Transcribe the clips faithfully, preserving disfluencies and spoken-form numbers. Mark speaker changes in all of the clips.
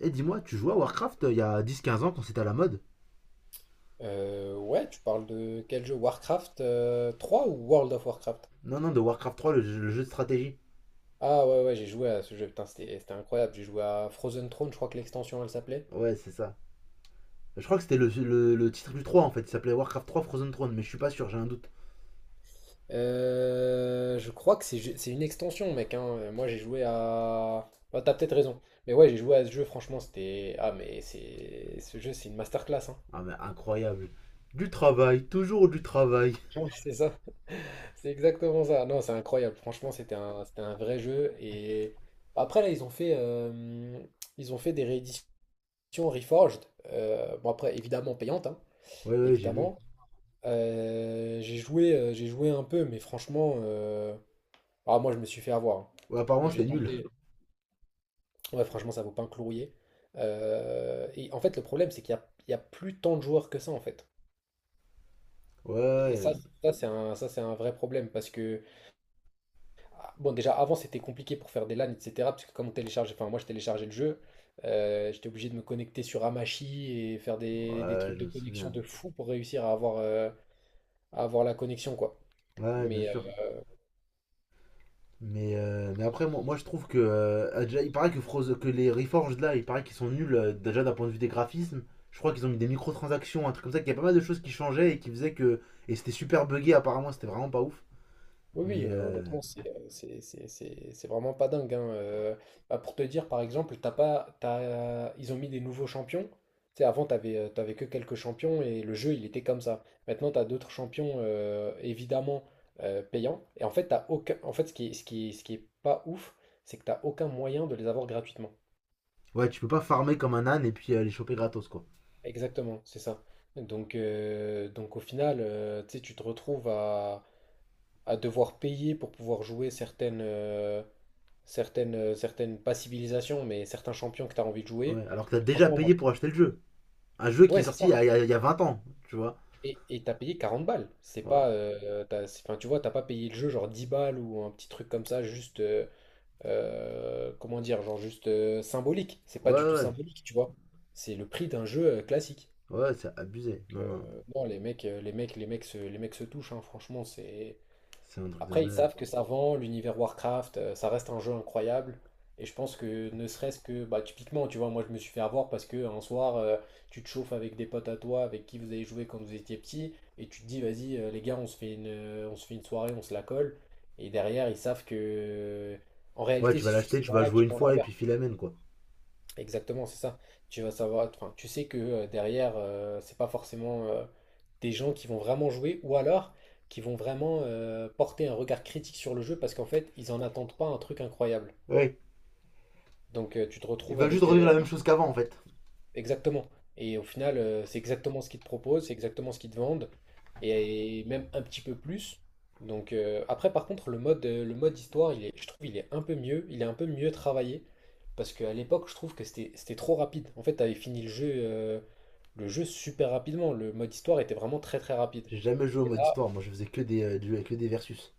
Speaker 1: Et dis-moi, tu jouais à Warcraft euh, il y a dix, quinze ans quand c'était à la mode?
Speaker 2: Euh, ouais, tu parles de quel jeu? Warcraft euh, trois ou World of Warcraft?
Speaker 1: Non, non, de Warcraft trois, le, jeu- le jeu de stratégie.
Speaker 2: Ah ouais, ouais, j'ai joué à ce jeu, putain, c'était c'était incroyable. J'ai joué à Frozen Throne, je crois que l'extension elle s'appelait.
Speaker 1: Ouais, c'est ça. Je crois que c'était le, le- le titre du trois en fait, il s'appelait Warcraft trois Frozen Throne, mais je suis pas sûr, j'ai un doute.
Speaker 2: Euh, je crois que c'est ju- c'est une extension, mec, hein. Euh, Moi j'ai joué à. Bah, t'as peut-être raison. Mais ouais, j'ai joué à ce jeu, franchement, c'était. Ah, mais c'est. Ce jeu, c'est une masterclass, hein.
Speaker 1: Ah mais incroyable. Du travail, toujours du travail.
Speaker 2: Ouais, c'est ça, c'est exactement ça. Non, c'est incroyable, franchement, c'était un, c'était un vrai jeu. Et après, là, ils ont fait, euh, ils ont fait des rééditions. Version Reforged, euh, bon après évidemment payante, hein,
Speaker 1: Ouais, ouais, j'ai vu.
Speaker 2: évidemment. Euh, j'ai joué, euh, j'ai joué un peu, mais franchement, euh, ah, moi je me suis fait avoir, hein.
Speaker 1: Ouais, apparemment c'était
Speaker 2: J'ai
Speaker 1: nul.
Speaker 2: tenté, ouais franchement ça vaut pas un clouier. Euh, et en fait le problème c'est qu'il y a, il y a plus tant de joueurs que ça en fait.
Speaker 1: Ouais,
Speaker 2: Et
Speaker 1: ouais,
Speaker 2: ça, ça c'est un, ça c'est un vrai problème parce que ah, bon déjà avant c'était compliqué pour faire des LAN et cetera. Parce que comme on télécharge, enfin moi je téléchargeais le jeu, euh, j'étais obligé de me connecter sur Amashi et faire des, des
Speaker 1: ouais,
Speaker 2: trucs
Speaker 1: je
Speaker 2: de
Speaker 1: me
Speaker 2: connexion
Speaker 1: souviens.
Speaker 2: de fou pour réussir à avoir euh, à avoir la connexion, quoi.
Speaker 1: Ouais, bien
Speaker 2: Mais euh,
Speaker 1: sûr. Mais, euh, mais après, moi, moi je trouve que. euh, Déjà, il paraît que, Froze- que les Reforged là, il paraît qu'ils sont nuls euh, déjà d'un point de vue des graphismes. Je crois qu'ils ont mis des microtransactions, un truc comme ça, qu'il y a pas mal de choses qui changeaient et qui faisaient que. Et c'était super buggé apparemment, c'était vraiment pas ouf.
Speaker 2: oui, oui,
Speaker 1: Mais
Speaker 2: euh,
Speaker 1: euh,
Speaker 2: honnêtement, c'est euh, c'est- c'est- c'est- c'est vraiment pas dingue, hein. Euh, bah, pour te dire, par exemple, t'as pas, t'as- ils ont mis des nouveaux champions. Tu sais, avant, t'avais, euh, t'avais que quelques champions et le jeu, il était comme ça. Maintenant, t'as d'autres champions, euh, évidemment, euh, payants. Et en fait, t'as aucun... en fait, ce qui, est- ce qui, est- ce qui est pas ouf, c'est que t'as aucun moyen de les avoir gratuitement.
Speaker 1: ouais, tu peux pas farmer comme un âne et puis euh, les choper gratos quoi.
Speaker 2: Exactement, c'est ça. Donc, euh, donc au final, euh, tu sais, tu te retrouves à à devoir payer pour pouvoir jouer certaines, euh, certaines, euh, certaines, pas civilisations, mais certains champions que tu as envie de jouer.
Speaker 1: Ouais, alors que t'as déjà
Speaker 2: Franchement, moi,
Speaker 1: payé
Speaker 2: je-
Speaker 1: pour acheter le jeu. Un jeu qui
Speaker 2: ouais,
Speaker 1: est
Speaker 2: c'est
Speaker 1: sorti
Speaker 2: ça.
Speaker 1: il y a, il y a- il y a vingt ans, tu vois.
Speaker 2: Et, et t'as payé quarante balles. C'est
Speaker 1: Ouais,
Speaker 2: pas, euh, t'as- c'est- Enfin, tu vois, t'as pas payé le jeu genre dix balles ou un petit truc comme ça, juste, euh, euh, comment dire, genre juste euh, symbolique. C'est pas
Speaker 1: ouais, ouais,
Speaker 2: du tout
Speaker 1: ouais,
Speaker 2: symbolique, tu vois. C'est le prix d'un jeu euh, classique.
Speaker 1: ouais, c'est
Speaker 2: Donc,
Speaker 1: abusé. Non,
Speaker 2: euh,
Speaker 1: non,
Speaker 2: non, les mecs, euh, les mecs, les mecs se, les mecs se touchent, hein. Franchement, c'est.
Speaker 1: c'est un truc de
Speaker 2: Après, ils
Speaker 1: malade.
Speaker 2: savent que ça vend, l'univers Warcraft, euh, ça reste un jeu incroyable. Et je pense que ne serait-ce que, bah, typiquement, tu vois, moi je me suis fait avoir parce que un soir, euh, tu te chauffes avec des potes à toi, avec qui vous avez joué quand vous étiez petit, et tu te dis, vas-y, euh, les gars, on se fait une, euh, on se fait une soirée, on se la colle. Et derrière, ils savent que, en
Speaker 1: Ouais,
Speaker 2: réalité,
Speaker 1: tu vas
Speaker 2: c'est sur
Speaker 1: l'acheter,
Speaker 2: ces
Speaker 1: tu vas
Speaker 2: gens-là
Speaker 1: jouer
Speaker 2: qu'ils
Speaker 1: une
Speaker 2: font leur
Speaker 1: fois et puis
Speaker 2: beurre.
Speaker 1: filamène quoi.
Speaker 2: Exactement, c'est ça. Tu vas savoir, enfin, tu sais que euh, derrière, euh, c'est pas forcément euh, des gens qui vont vraiment jouer ou alors qui vont vraiment euh, porter un regard critique sur le jeu parce qu'en fait, ils en attendent pas un truc incroyable.
Speaker 1: Ouais,
Speaker 2: Donc, euh, tu te
Speaker 1: ils
Speaker 2: retrouves
Speaker 1: veulent juste
Speaker 2: avec
Speaker 1: revivre
Speaker 2: euh,
Speaker 1: la même chose qu'avant en fait.
Speaker 2: Exactement. Et au final, euh, c'est exactement ce qu'ils te proposent, c'est exactement ce qu'ils te vendent, et et même un petit peu plus. Donc euh, après, par contre, le mode, euh, le mode histoire, il est, je trouve, il est un peu mieux, il est un peu mieux travaillé, parce qu'à l'époque, je trouve que c'était, c'était trop rapide. En fait, t'avais fini le jeu, euh, le jeu super rapidement. Le mode histoire était vraiment très très rapide.
Speaker 1: J'ai jamais joué au
Speaker 2: Et
Speaker 1: mode
Speaker 2: là,
Speaker 1: histoire, moi je faisais que des, euh, des- que des versus.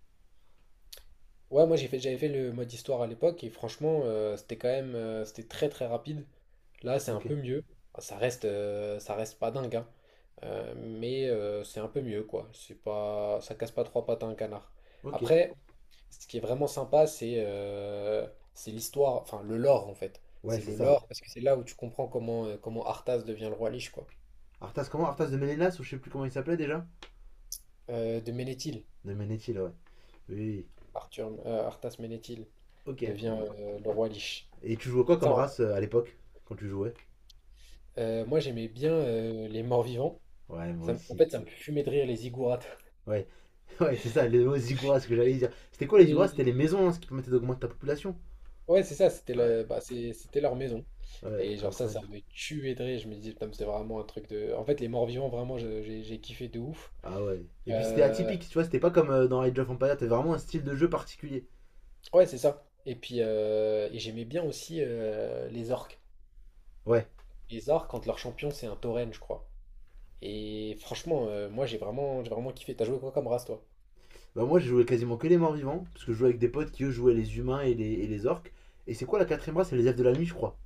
Speaker 2: Ouais, moi j'ai fait, j'avais fait le mode histoire à l'époque et franchement, euh, c'était quand même, euh, c'était très très rapide. Là, c'est un
Speaker 1: Ok,
Speaker 2: peu mieux. Enfin, ça reste, euh, ça reste pas dingue, hein. Euh, mais euh, c'est un peu mieux, quoi. C'est pas, ça casse pas trois pattes à un canard.
Speaker 1: ok.
Speaker 2: Après, ce qui est vraiment sympa, c'est euh, c'est l'histoire, enfin le lore en fait.
Speaker 1: Ouais,
Speaker 2: C'est
Speaker 1: c'est
Speaker 2: le
Speaker 1: ça.
Speaker 2: lore parce que c'est là où tu comprends comment euh, comment Arthas devient le roi Lich, quoi.
Speaker 1: Arthas, comment Arthas de Ménélas ou je sais plus comment il s'appelait déjà?
Speaker 2: Euh, de Ménéthil.
Speaker 1: De Ménétil, ouais. Oui, oui, oui.
Speaker 2: Arthur, euh, Arthas Ménéthil
Speaker 1: Ok.
Speaker 2: devient
Speaker 1: Mm.
Speaker 2: euh, le roi Lich.
Speaker 1: Et tu jouais quoi
Speaker 2: Et
Speaker 1: comme
Speaker 2: ça.
Speaker 1: race euh, à l'époque? Quand tu jouais.
Speaker 2: Heu, moi, j'aimais bien, heu, les morts-vivants.
Speaker 1: Ouais, moi
Speaker 2: Ça me En
Speaker 1: aussi.
Speaker 2: fait, ça me fumait de rire les ziggourats.
Speaker 1: Ouais, ouais, c'est ça, les mots Ziggurat, ce que j'allais dire. C'était quoi les Ziggurat? C'était
Speaker 2: Les
Speaker 1: les maisons, hein, ce qui permettait d'augmenter ta population.
Speaker 2: Ouais, c'est ça, c'était
Speaker 1: Ouais,
Speaker 2: le bah, c'est c'était leur maison
Speaker 1: ouais,
Speaker 2: et genre ça, ça
Speaker 1: incroyable.
Speaker 2: me tuait de rire. Je me disais: «Putain, mais c'est vraiment un truc de» en fait, les morts-vivants, vraiment, je j'ai j'ai kiffé de ouf.
Speaker 1: Ah ouais. Et
Speaker 2: Heu,
Speaker 1: puis c'était atypique, tu vois, c'était pas comme euh, dans Age of Empires, t'avais vraiment un style de jeu particulier.
Speaker 2: ouais, c'est ça et puis, heu et j'aimais bien aussi, heu, les orques.
Speaker 1: Ouais,
Speaker 2: Les orques, quand leur champion, c'est un tauren, je crois et franchement, heu, moi, j'ai vraiment j'ai vraiment kiffé. T'as joué quoi comme race, toi?
Speaker 1: bah moi, j'ai joué quasiment que les morts vivants, parce que je jouais avec des potes qui eux jouaient les humains et les, et les orques. Et c'est quoi la quatrième race? C'est les elfes de la nuit, je crois.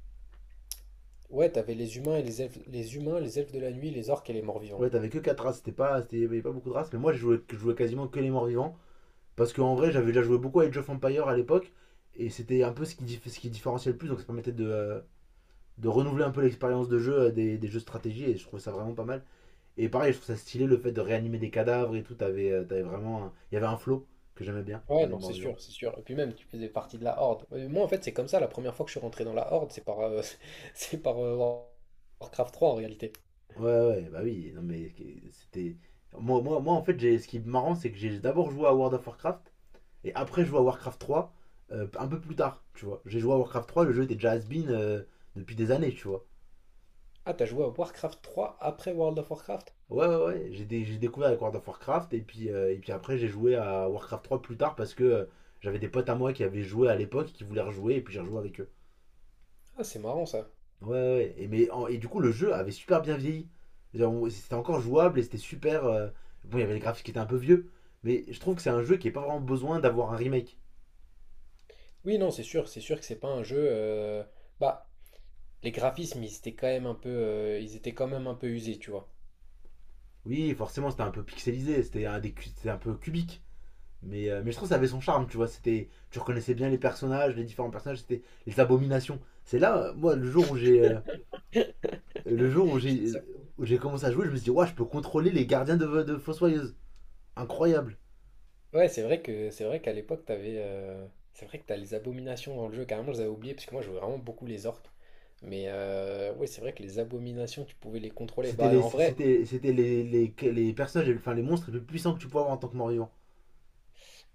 Speaker 2: Ouais, t'avais les humains et les elfes les humains, les elfes de la nuit, les orques et les morts-vivants.
Speaker 1: Ouais, t'avais que quatre races, c'était pas, c'était- il y avait pas beaucoup de races, mais moi, je jouais, je jouais quasiment que les morts vivants, parce qu'en vrai, j'avais déjà joué beaucoup à Age of Empires à l'époque, et c'était un peu ce qui, dif- ce qui différenciait le plus, donc ça permettait de, euh, de renouveler un peu l'expérience de jeu euh, des, des jeux de stratégie, et je trouvais ça vraiment pas mal. Et pareil, je trouve ça stylé le fait de réanimer des cadavres et tout, t'avais, euh, t'avais vraiment. un- Il y avait un flow que j'aimais bien
Speaker 2: Ouais,
Speaker 1: dans les
Speaker 2: non, c'est
Speaker 1: morts vivants.
Speaker 2: sûr, c'est sûr. Et puis même, tu faisais partie de la Horde. Euh, Moi, en fait, c'est comme ça. La première fois que je suis rentré dans la Horde, c'est par, euh, c'est par euh, War- Warcraft trois en réalité.
Speaker 1: Ouais, ouais, bah oui, non mais que- c'était. Moi, moi, moi, en fait, j'ai ce qui est marrant, c'est que j'ai d'abord joué à World of Warcraft et après joué à Warcraft trois euh, un peu plus tard, tu vois. J'ai joué à Warcraft trois, le jeu était déjà has-been euh, depuis des années, tu vois.
Speaker 2: Ah, t'as joué à Warcraft trois après World of Warcraft?
Speaker 1: Ouais, ouais, ouais, j'ai dé- j'ai découvert avec World of Warcraft et puis, euh, et puis après, j'ai joué à Warcraft trois plus tard parce que euh, j'avais des potes à moi qui avaient joué à l'époque, qui voulaient rejouer et puis j'ai rejoué avec eux.
Speaker 2: Ah, c'est marrant ça.
Speaker 1: Ouais, ouais, ouais. Et, mais, en- et du coup, le jeu avait super bien vieilli. C'est-à-dire, on- c'était encore jouable et c'était super. euh, Bon, il y avait les graphismes qui étaient un peu vieux, mais je trouve que c'est un jeu qui n'a pas vraiment besoin d'avoir un remake.
Speaker 2: Oui, non, c'est sûr, c'est sûr que c'est pas un jeu. euh, Bah, les graphismes, ils étaient quand même un peu, euh, ils étaient quand même un peu usés, tu vois.
Speaker 1: Oui, forcément, c'était un peu pixelisé, c'était un, des cu- c'était un peu cubique, mais, euh, mais je trouve que ça avait son charme, tu vois. C'était, tu reconnaissais bien les personnages, les différents personnages, c'était les abominations. C'est là, euh, moi, le jour où j'ai euh, le jour où j'ai où j'ai commencé à jouer, je me suis dit, ouais, je peux contrôler les gardiens de, de Fossoyeuse. Incroyable.
Speaker 2: Ouais, c'est vrai que c'est vrai qu'à l'époque, t'avais, euh, c'est vrai que t'as les abominations dans le jeu. Carrément, je les avais oubliées parce que moi, je jouais vraiment beaucoup les orques. Mais euh, ouais, c'est vrai que les abominations, tu pouvais les contrôler.
Speaker 1: C'était
Speaker 2: Bah,
Speaker 1: les,
Speaker 2: en vrai,
Speaker 1: c'était, c'était les, les, les personnages, enfin les monstres les plus puissants que tu pouvais avoir en tant que mort-vivant.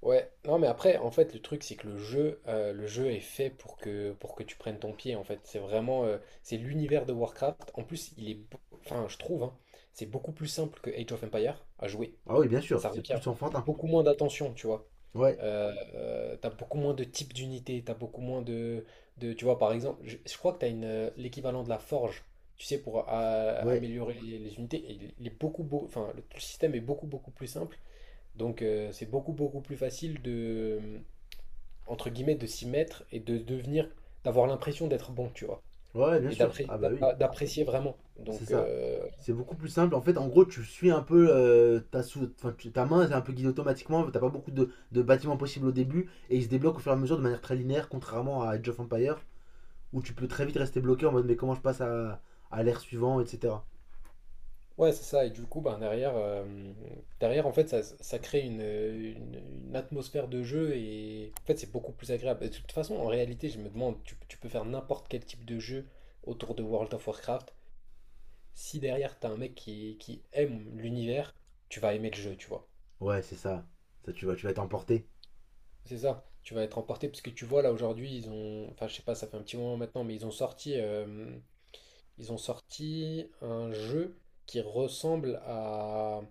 Speaker 2: ouais. Non, mais après, en fait, le truc, c'est que le jeu, euh, le jeu est fait pour que pour que tu prennes ton pied. En fait, c'est vraiment, euh, c'est l'univers de Warcraft. En plus, il est, beau- enfin, je trouve, hein, c'est beaucoup plus simple que Age of Empire à jouer.
Speaker 1: Ah oui, bien sûr,
Speaker 2: Ça
Speaker 1: c'est
Speaker 2: requiert
Speaker 1: plus enfantin.
Speaker 2: beaucoup moins d'attention, tu vois.
Speaker 1: Ouais,
Speaker 2: Euh, Oui. Euh, t'as beaucoup moins de types d'unités, t'as beaucoup moins de, de- tu vois, par exemple, je, je crois que t'as une, euh, l'équivalent de la forge, tu sais, pour euh,
Speaker 1: ouais,
Speaker 2: améliorer les, les unités. Et il, il est beaucoup, beau, enfin, le, le système est beaucoup, beaucoup plus simple. Donc, euh, c'est beaucoup, beaucoup plus facile de, euh, entre guillemets, de s'y mettre et de devenir, d'avoir l'impression d'être bon, tu vois.
Speaker 1: ouais, bien
Speaker 2: Et
Speaker 1: sûr.
Speaker 2: d'apré-
Speaker 1: Ah bah oui,
Speaker 2: d'apprécier vraiment.
Speaker 1: c'est
Speaker 2: Donc,
Speaker 1: ça.
Speaker 2: euh,
Speaker 1: C'est beaucoup plus simple. En fait, en gros, tu suis un peu euh, ta, sou- enfin, tu- ta main, c'est un peu guidée automatiquement. T'as pas beaucoup de, de bâtiments possibles au début et ils se débloquent au fur et à mesure de manière très linéaire, contrairement à Age of Empire où tu peux très vite rester bloqué en mode mais comment je passe à, à l'ère suivante, et cetera.
Speaker 2: Ouais, c'est ça. Et du coup, ben, derrière, euh, derrière, en fait, ça, ça crée une, une- une atmosphère de jeu et en fait, c'est beaucoup plus agréable. Et de toute façon, en réalité, je me demande, tu, tu peux faire n'importe quel type de jeu autour de World of Warcraft. Si derrière, t'as un mec qui, qui aime l'univers, tu vas aimer le jeu, tu vois.
Speaker 1: Ouais, c'est ça. Ça, tu vas, tu vas t'emporter.
Speaker 2: C'est ça. Tu vas être emporté parce que tu vois, là, aujourd'hui, ils ont, enfin, je sais pas, ça fait un petit moment maintenant, mais ils ont sorti euh, ils ont sorti un jeu qui ressemble à...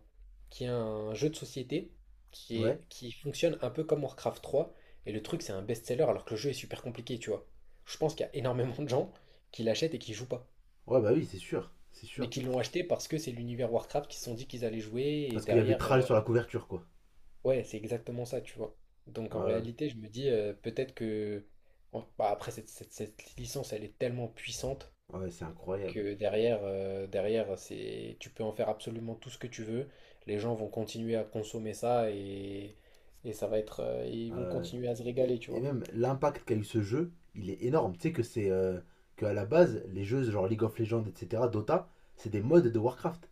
Speaker 2: qui est un jeu de société qui est...
Speaker 1: Ouais,
Speaker 2: qui fonctionne un peu comme Warcraft trois. Et le truc, c'est un best-seller alors que le jeu est super compliqué, tu vois. Je pense qu'il y a énormément de gens qui l'achètent et qui jouent pas.
Speaker 1: ouais, bah oui, c'est sûr, c'est
Speaker 2: Mais
Speaker 1: sûr.
Speaker 2: qui l'ont acheté parce que c'est l'univers Warcraft qui se sont dit qu'ils allaient jouer. Et
Speaker 1: Parce qu'il y avait
Speaker 2: derrière,
Speaker 1: Tral
Speaker 2: euh,
Speaker 1: sur la couverture, quoi.
Speaker 2: ouais, c'est exactement ça, tu vois. Donc en
Speaker 1: Ouais,
Speaker 2: réalité, je me dis euh, peut-être que... Bon, bah, après, cette, cette cette licence, elle est tellement puissante
Speaker 1: ouais, c'est incroyable.
Speaker 2: que derrière, euh, derrière c'est, tu peux en faire absolument tout ce que tu veux. Les gens vont continuer à consommer ça et, et ça va être, euh, ils vont
Speaker 1: Ouais.
Speaker 2: continuer à se
Speaker 1: et,
Speaker 2: régaler, tu
Speaker 1: et
Speaker 2: vois.
Speaker 1: même l'impact qu'a eu ce jeu, il est énorme. Tu sais que c'est euh, que à la base, les jeux genre League of Legends, et cetera, Dota, c'est des modes de Warcraft.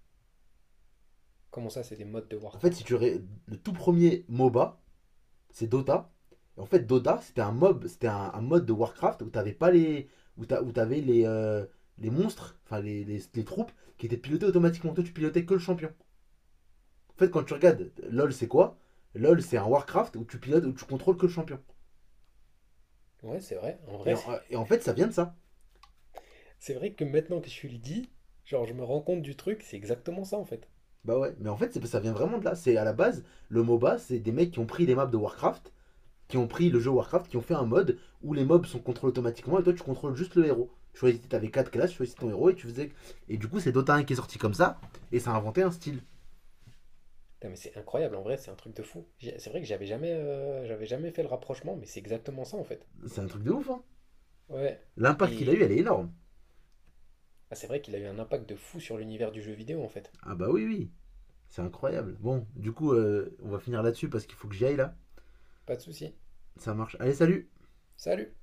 Speaker 2: Comment ça, c'est des modes de
Speaker 1: En fait, si
Speaker 2: Warcraft?
Speaker 1: tu ré- le tout premier MOBA, c'est Dota. En fait, Dota, c'était un mob, c'était un, un mode de Warcraft où t'avais pas les, où t'a- où t'avais les, euh, les monstres, enfin les, les, les troupes qui étaient pilotées automatiquement. Toi, tu pilotais que le champion. En fait, quand tu regardes LoL, c'est quoi? LoL, c'est un Warcraft où tu pilotes, où tu contrôles que le champion.
Speaker 2: Ouais, c'est vrai. En
Speaker 1: Et
Speaker 2: vrai,
Speaker 1: en,
Speaker 2: c'est
Speaker 1: et en fait, ça vient de ça.
Speaker 2: c'est vrai que maintenant que je le dis, genre, je me rends compte du truc, c'est exactement ça en fait.
Speaker 1: Bah ouais, mais en fait, c'est- ça vient vraiment de là. C'est à la base, le MOBA, c'est des mecs qui ont pris les maps de Warcraft, qui ont pris le jeu Warcraft, qui ont fait un mode où les mobs sont contrôlés automatiquement et toi, tu contrôles juste le héros. Tu choisissais, t'avais quatre classes, tu choisissais ton héros et tu faisais. Et du coup, c'est Dota un qui est sorti comme ça et ça a inventé un style.
Speaker 2: Putain, mais c'est incroyable, en vrai, c'est un truc de fou. J'ai- C'est vrai que j'avais jamais, euh, j'avais jamais fait le rapprochement, mais c'est exactement ça en fait.
Speaker 1: C'est un truc de ouf, hein.
Speaker 2: Ouais.
Speaker 1: L'impact qu'il a eu,
Speaker 2: Et
Speaker 1: elle est énorme.
Speaker 2: ah, c'est vrai qu'il a eu un impact de fou sur l'univers du jeu vidéo en fait.
Speaker 1: Ah bah oui, oui, c'est incroyable. Bon, du coup, euh, on va finir là-dessus parce qu'il faut que j'y aille là.
Speaker 2: Pas de souci.
Speaker 1: Ça marche. Allez, salut!
Speaker 2: Salut!